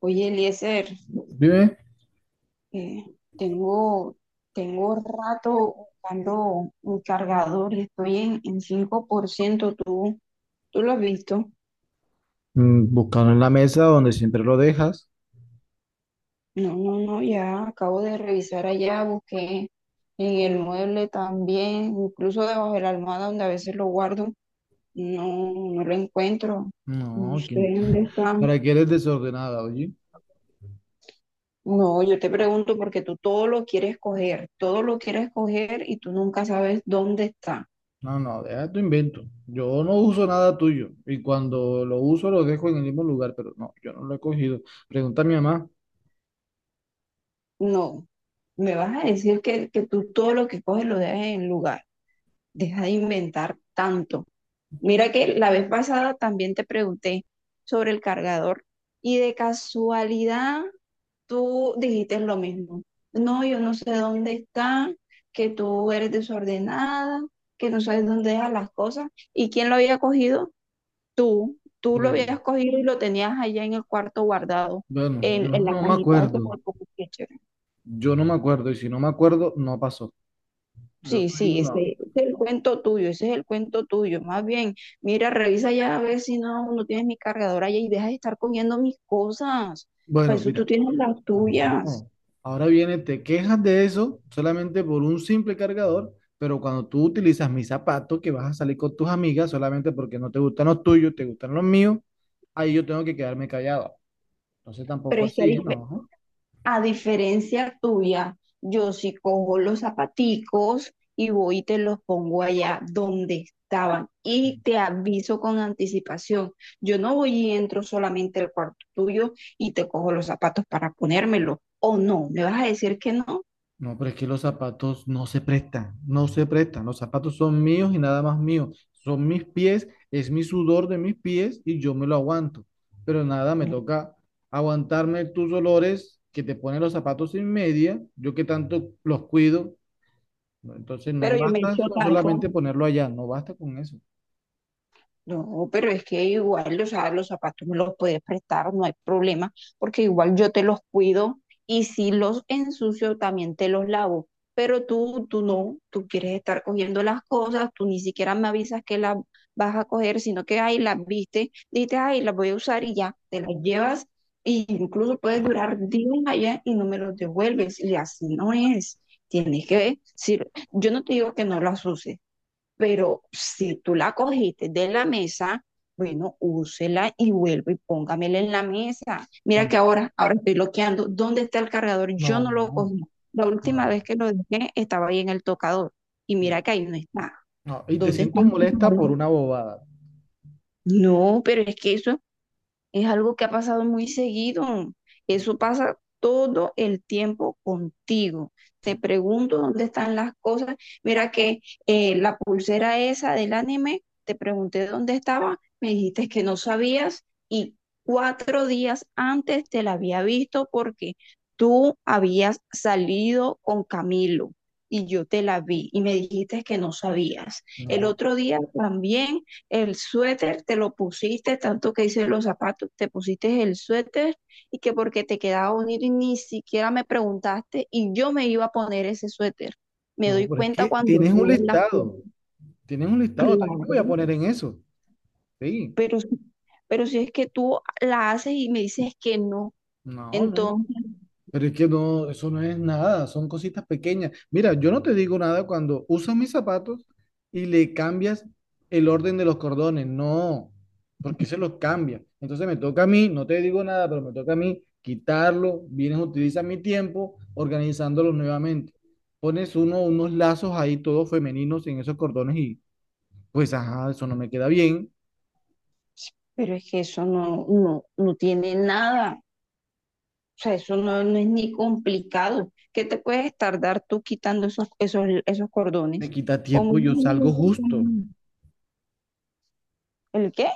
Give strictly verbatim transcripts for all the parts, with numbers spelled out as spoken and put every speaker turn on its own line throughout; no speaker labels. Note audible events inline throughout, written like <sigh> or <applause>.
Oye, Eliezer,
Vive,
eh, tengo, tengo rato buscando un cargador y estoy en, en cinco por ciento. ¿Tú, tú lo has visto?
mm, buscando en la mesa donde siempre lo dejas.
No, no, no, ya acabo de revisar allá, busqué en el mueble también, incluso debajo de la almohada donde a veces lo guardo. No, no lo encuentro. No
No,
sé
¿quién-
dónde
<laughs>
está.
¿para qué eres desordenada, oye?
No, yo te pregunto porque tú todo lo quieres coger, todo lo quieres coger y tú nunca sabes dónde está.
No, no, deja tu invento. Yo no uso nada tuyo y cuando lo uso lo dejo en el mismo lugar, pero no, yo no lo he cogido. Pregunta a mi mamá,
No, me vas a decir que, que tú todo lo que coges lo dejas en el lugar. Deja de inventar tanto. Mira que la vez pasada también te pregunté sobre el cargador y de casualidad tú dijiste lo mismo. No, yo no sé dónde está, que tú eres desordenada, que no sabes dónde dejas las cosas. ¿Y quién lo había cogido? Tú. Tú lo
pues
habías cogido y lo tenías allá en el cuarto guardado,
bueno,
en,
yo
en la
no me
cajita de ese.
acuerdo. Yo no me acuerdo y si no me acuerdo, no pasó. Yo
Sí,
soy
sí,
una...
ese ese es el cuento tuyo, ese es el cuento tuyo. Más bien, mira, revisa ya a ver si no, no tienes mi cargador allá y deja de estar cogiendo mis cosas. Para
Bueno,
eso tú
mira.
tienes las tuyas.
No. Ahora viene, te quejas de eso solamente por un simple cargador, pero cuando tú utilizas mi zapato, que vas a salir con tus amigas solamente porque no te gustan los tuyos, te gustan los míos, ahí yo tengo que quedarme callado. Entonces
Pero
tampoco
es que a,
así,
dif-
¿no?
a diferencia tuya, yo sí cojo los zapaticos y voy y te los pongo allá donde estaban y te aviso con anticipación. Yo no voy y entro solamente al cuarto tuyo y te cojo los zapatos para ponérmelo. ¿O no? ¿Me vas a decir que no?
No, pero es que los zapatos no se prestan, no se prestan. Los zapatos son míos y nada más míos. Son mis pies, es mi sudor de mis pies y yo me lo aguanto. Pero nada, me toca aguantarme tus olores que te ponen los zapatos sin media, yo que tanto los cuido. ¿No? Entonces
Pero
no
yo me
basta
echo
con
talco.
solamente ponerlo allá, no basta con eso.
No, pero es que igual, o sea, los zapatos me los puedes prestar, no hay problema, porque igual yo te los cuido y si los ensucio también te los lavo. Pero tú, tú no, tú quieres estar cogiendo las cosas, tú ni siquiera me avisas que las vas a coger, sino que ahí las viste, dices, ay, las voy a usar y ya, te las llevas e incluso puedes durar días allá y no me los devuelves y así no es. Tienes que, si, yo no te digo que no las uses. Pero si tú la cogiste de la mesa, bueno, úsela y vuelvo y póngamela en la mesa. Mira que
Mm.
ahora, ahora estoy bloqueando. ¿Dónde está el cargador? Yo
No,
no lo
no,
cogí. La última
no,
vez que lo dejé estaba ahí en el tocador. Y
no,
mira que ahí no está.
no. Y te
¿Dónde está
siento
el
molesta por
cargador?
una bobada.
No, pero es que eso es algo que ha pasado muy seguido.
No,
Eso pasa todo el tiempo contigo. Te pregunto dónde están las cosas. Mira que eh, la pulsera esa del anime, te pregunté dónde estaba, me dijiste que no sabías y cuatro días antes te la había visto porque tú habías salido con Camilo. Y yo te la vi y me dijiste que no sabías. El
no,
otro día también el suéter, te lo pusiste, tanto que hice los zapatos, te pusiste el suéter y que porque te quedaba bonito y ni siquiera me preguntaste y yo me iba a poner ese suéter. Me
no,
doy
pero es
cuenta
que
cuando
tienes un
subes la foto.
listado. Tienen un listado, también
Claro,
me voy a poner en eso. Sí,
pero, si- pero si es que tú la haces y me dices que no,
no, no, no,
entonces,
pero es que no, eso no es nada, son cositas pequeñas. Mira, yo no te digo nada cuando usas mis zapatos y le cambias el orden de los cordones, no, porque se los cambia. Entonces me toca a mí, no te digo nada, pero me toca a mí quitarlo, vienes, utilizas mi tiempo organizándolos nuevamente. Pones uno, unos lazos ahí todos femeninos en esos cordones y pues, ajá, eso no me queda bien,
pero es que eso no, no, no tiene nada. O sea, eso no, no es ni complicado. ¿Qué te puedes tardar tú quitando esos, esos, esos
me
cordones?
quita
Como
tiempo y yo
unos
salgo
minutos, como
justo.
¿el qué?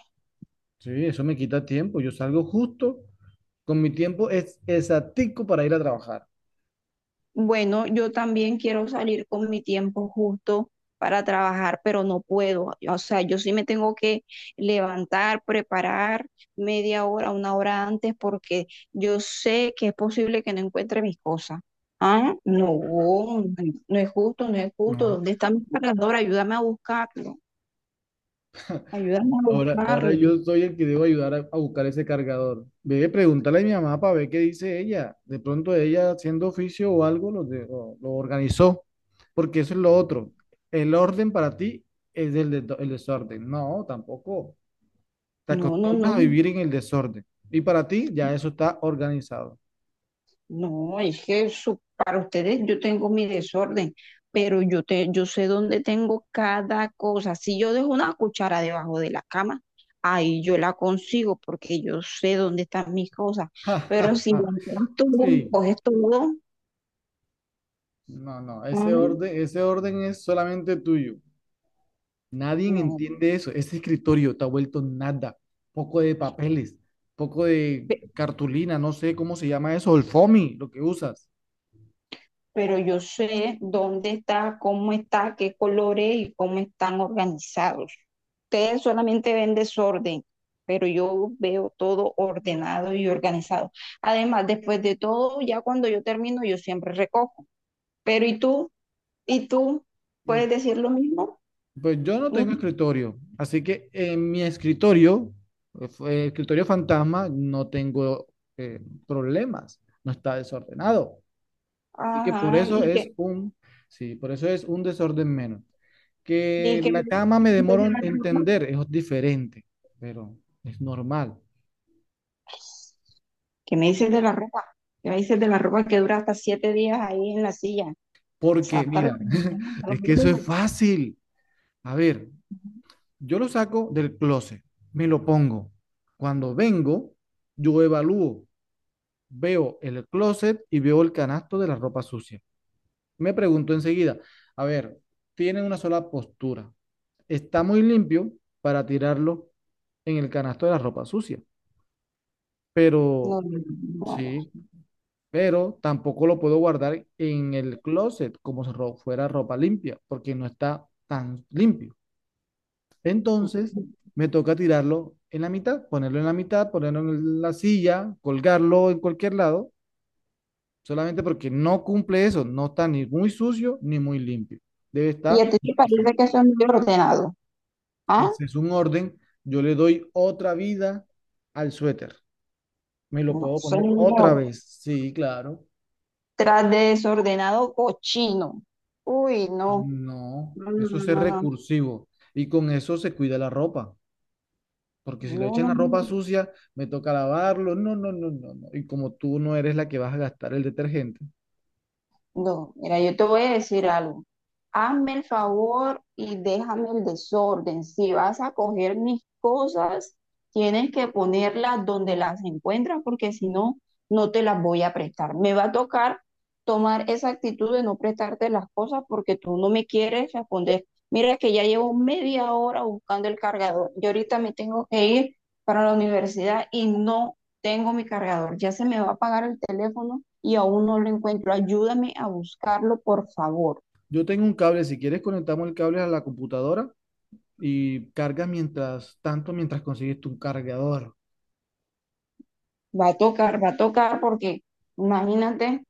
Sí, eso me quita tiempo. Yo salgo justo con mi tiempo es exactico para ir a trabajar.
Bueno, yo también quiero salir con mi tiempo justo para trabajar, pero no puedo. O sea, yo sí me tengo que levantar, preparar media hora, una hora antes, porque yo sé que es posible que no encuentre mis cosas. Ah, no, no es justo, no es justo.
No.
¿Dónde está mi cargador? Ayúdame a buscarlo. Ayúdame a
Ahora, ahora
buscarlo.
yo soy el que debo ayudar a, a buscar ese cargador. Ve, pregúntale a mi mamá para ver qué dice ella. De pronto ella haciendo oficio o algo lo, de- lo, lo organizó. Porque eso es lo otro. El orden para ti es el, de- el desorden. No, tampoco. Te
No, no, no.
acostumbras a vivir en el desorden. Y para ti ya eso está organizado. <laughs>
No, es que eso, para ustedes yo tengo mi desorden, pero yo, te, yo sé dónde tengo cada cosa. Si yo dejo una cuchara debajo de la cama, ahí yo la consigo porque yo sé dónde están mis cosas.
Ja,
Pero
ja,
si
ja.
las tú y
Sí,
coges todo.
no, no, ese
Mm,
orden, ese orden es solamente tuyo. Nadie
no.
entiende eso. Ese escritorio está vuelto nada. Poco de papeles, poco de cartulina, no sé cómo se llama eso, el foamy, lo que usas.
Pero yo sé dónde está, cómo está, qué colores y cómo están organizados. Ustedes solamente ven desorden, pero yo veo todo ordenado y organizado. Además, después de todo, ya cuando yo termino, yo siempre recojo. Pero ¿y tú? ¿Y tú
Mm.
puedes decir lo mismo?
Pues yo no
Mm.
tengo escritorio, así que en mi escritorio, eh, fue- escritorio fantasma, no tengo eh, problemas, no está desordenado. Así que por
Ajá,
eso
¿y
es
qué?
un, sí, por eso es un desorden menos.
¿Y
Que
qué ¿Qué
la cama me
me dices de
demoro en
la ropa?
entender, es diferente, pero es normal.
¿Qué me dices de la ropa? ¿Qué me dices de la ropa que dura hasta siete días ahí en la silla?
Porque,
Sácala.
mira, <laughs> es que eso es fácil. A ver, yo lo saco del closet, me lo pongo. Cuando vengo, yo evalúo, veo el closet y veo el canasto de la ropa sucia. Me pregunto enseguida, a ver, tiene una sola postura. Está muy limpio para tirarlo en el canasto de la ropa sucia.
No,
Pero
no, no.
sí, pero tampoco lo puedo guardar en el closet como si ro- fuera ropa limpia, porque no está tan limpio. Entonces, me toca tirarlo en la mitad, ponerlo en la mitad, ponerlo en la silla, colgarlo en cualquier lado, solamente porque no cumple eso, no está ni muy sucio ni muy limpio. Debe
¿Y
estar
a ti te
balanceado.
parece que soy muy ordenado? ¿Ah?
Ese es un orden. Yo le doy otra vida al suéter. Me lo
No,
puedo poner
señor.
otra vez. Sí, claro.
Tras de desordenado cochino. Uy, no.
No,
No,
eso es
no,
ser
no, no.
recursivo y con eso se cuida la ropa, porque si lo
No,
echan
no,
la
no,
ropa
no.
sucia, me toca lavarlo, no, no, no, no, no. Y como tú no eres la que vas a gastar el detergente,
No, mira, yo te voy a decir algo. Hazme el favor y déjame el desorden. Si vas a coger mis cosas, tienes que ponerlas donde las encuentras, porque si no, no te las voy a prestar. Me va a tocar tomar esa actitud de no prestarte las cosas porque tú no me quieres responder. Mira que ya llevo media hora buscando el cargador. Yo ahorita me tengo que ir para la universidad y no tengo mi cargador, ya se me va a apagar el teléfono y aún no lo encuentro. Ayúdame a buscarlo, por favor.
yo tengo un cable, si quieres conectamos el cable a la computadora y cargas mientras tanto, mientras consigues tu cargador.
Va a tocar, va a tocar porque, imagínate,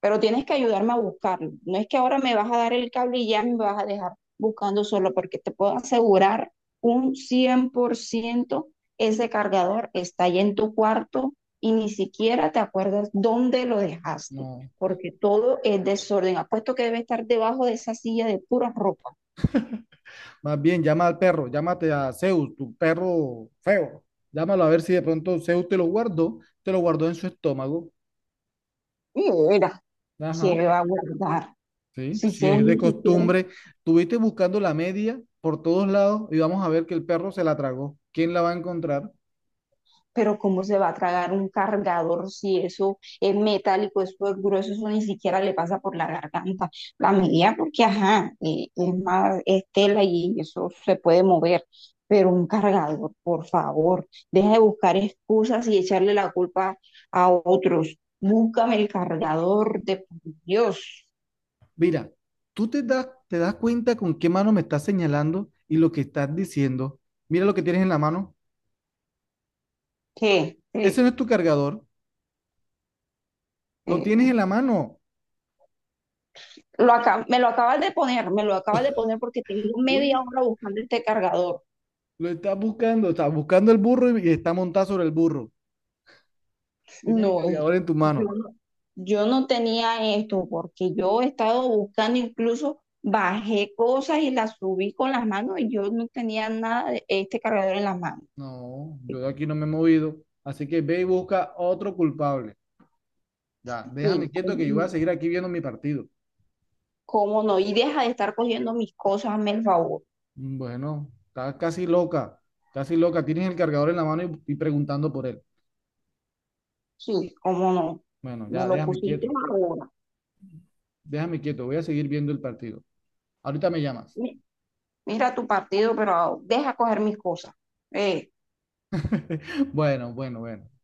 pero tienes que ayudarme a buscarlo. No es que ahora me vas a dar el cable y ya me vas a dejar buscando solo, porque te puedo asegurar un cien por ciento ese cargador está ahí en tu cuarto y ni siquiera te acuerdas dónde lo dejaste,
No,
porque todo es desorden. Apuesto que debe estar debajo de esa silla de pura ropa.
más bien llama al perro, llámate a Zeus, tu perro feo. Llámalo a ver si de pronto Zeus te lo guardó, te lo guardó en su estómago.
Mira,
Ajá.
¿qué va a guardar?
Sí,
Si
si
se
es de
ni siquiera,
costumbre, estuviste buscando la media por todos lados y vamos a ver que el perro se la tragó. ¿Quién la va a encontrar?
pero ¿cómo se va a tragar un cargador si eso es metálico, eso es grueso, eso ni siquiera le pasa por la garganta? La medida, porque ajá, eh, es más, es tela y eso se puede mover, pero un cargador, por favor, deja de buscar excusas y echarle la culpa a otros. Búscame el cargador de por Dios.
Mira, tú te das, te das cuenta con qué mano me estás señalando y lo que estás diciendo. Mira lo que tienes en la mano.
¿Qué?
Ese no es tu cargador. Lo tienes
¿Qué?
en la mano.
Lo acá, me lo acabas de poner, me lo acabas de poner porque tengo media
Uy,
hora buscando este cargador.
lo estás buscando. Estás buscando el burro y está montado sobre el burro. Tienes el
No, es-
cargador en tu
yo
mano.
no, yo no tenía esto porque yo he estado buscando, incluso bajé cosas y las subí con las manos y yo no tenía nada de este cargador en las manos.
No, yo de aquí no me he movido. Así que ve y busca otro culpable. Ya,
Sí,
déjame quieto
cómo,
que yo voy
no,
a seguir aquí viendo mi partido.
cómo no. Y deja de estar cogiendo mis cosas, hazme el favor.
Bueno, estás casi loca, casi loca. Tienes el cargador en la mano y, y preguntando por él.
Sí, cómo no.
Bueno,
Me
ya,
lo
déjame
pusiste
quieto,
ahora.
déjame quieto. Voy a seguir viendo el partido. Ahorita me llamas.
Mi- Mira tu partido, pero deja coger mis cosas. Eh.
<laughs> Bueno, bueno, bueno.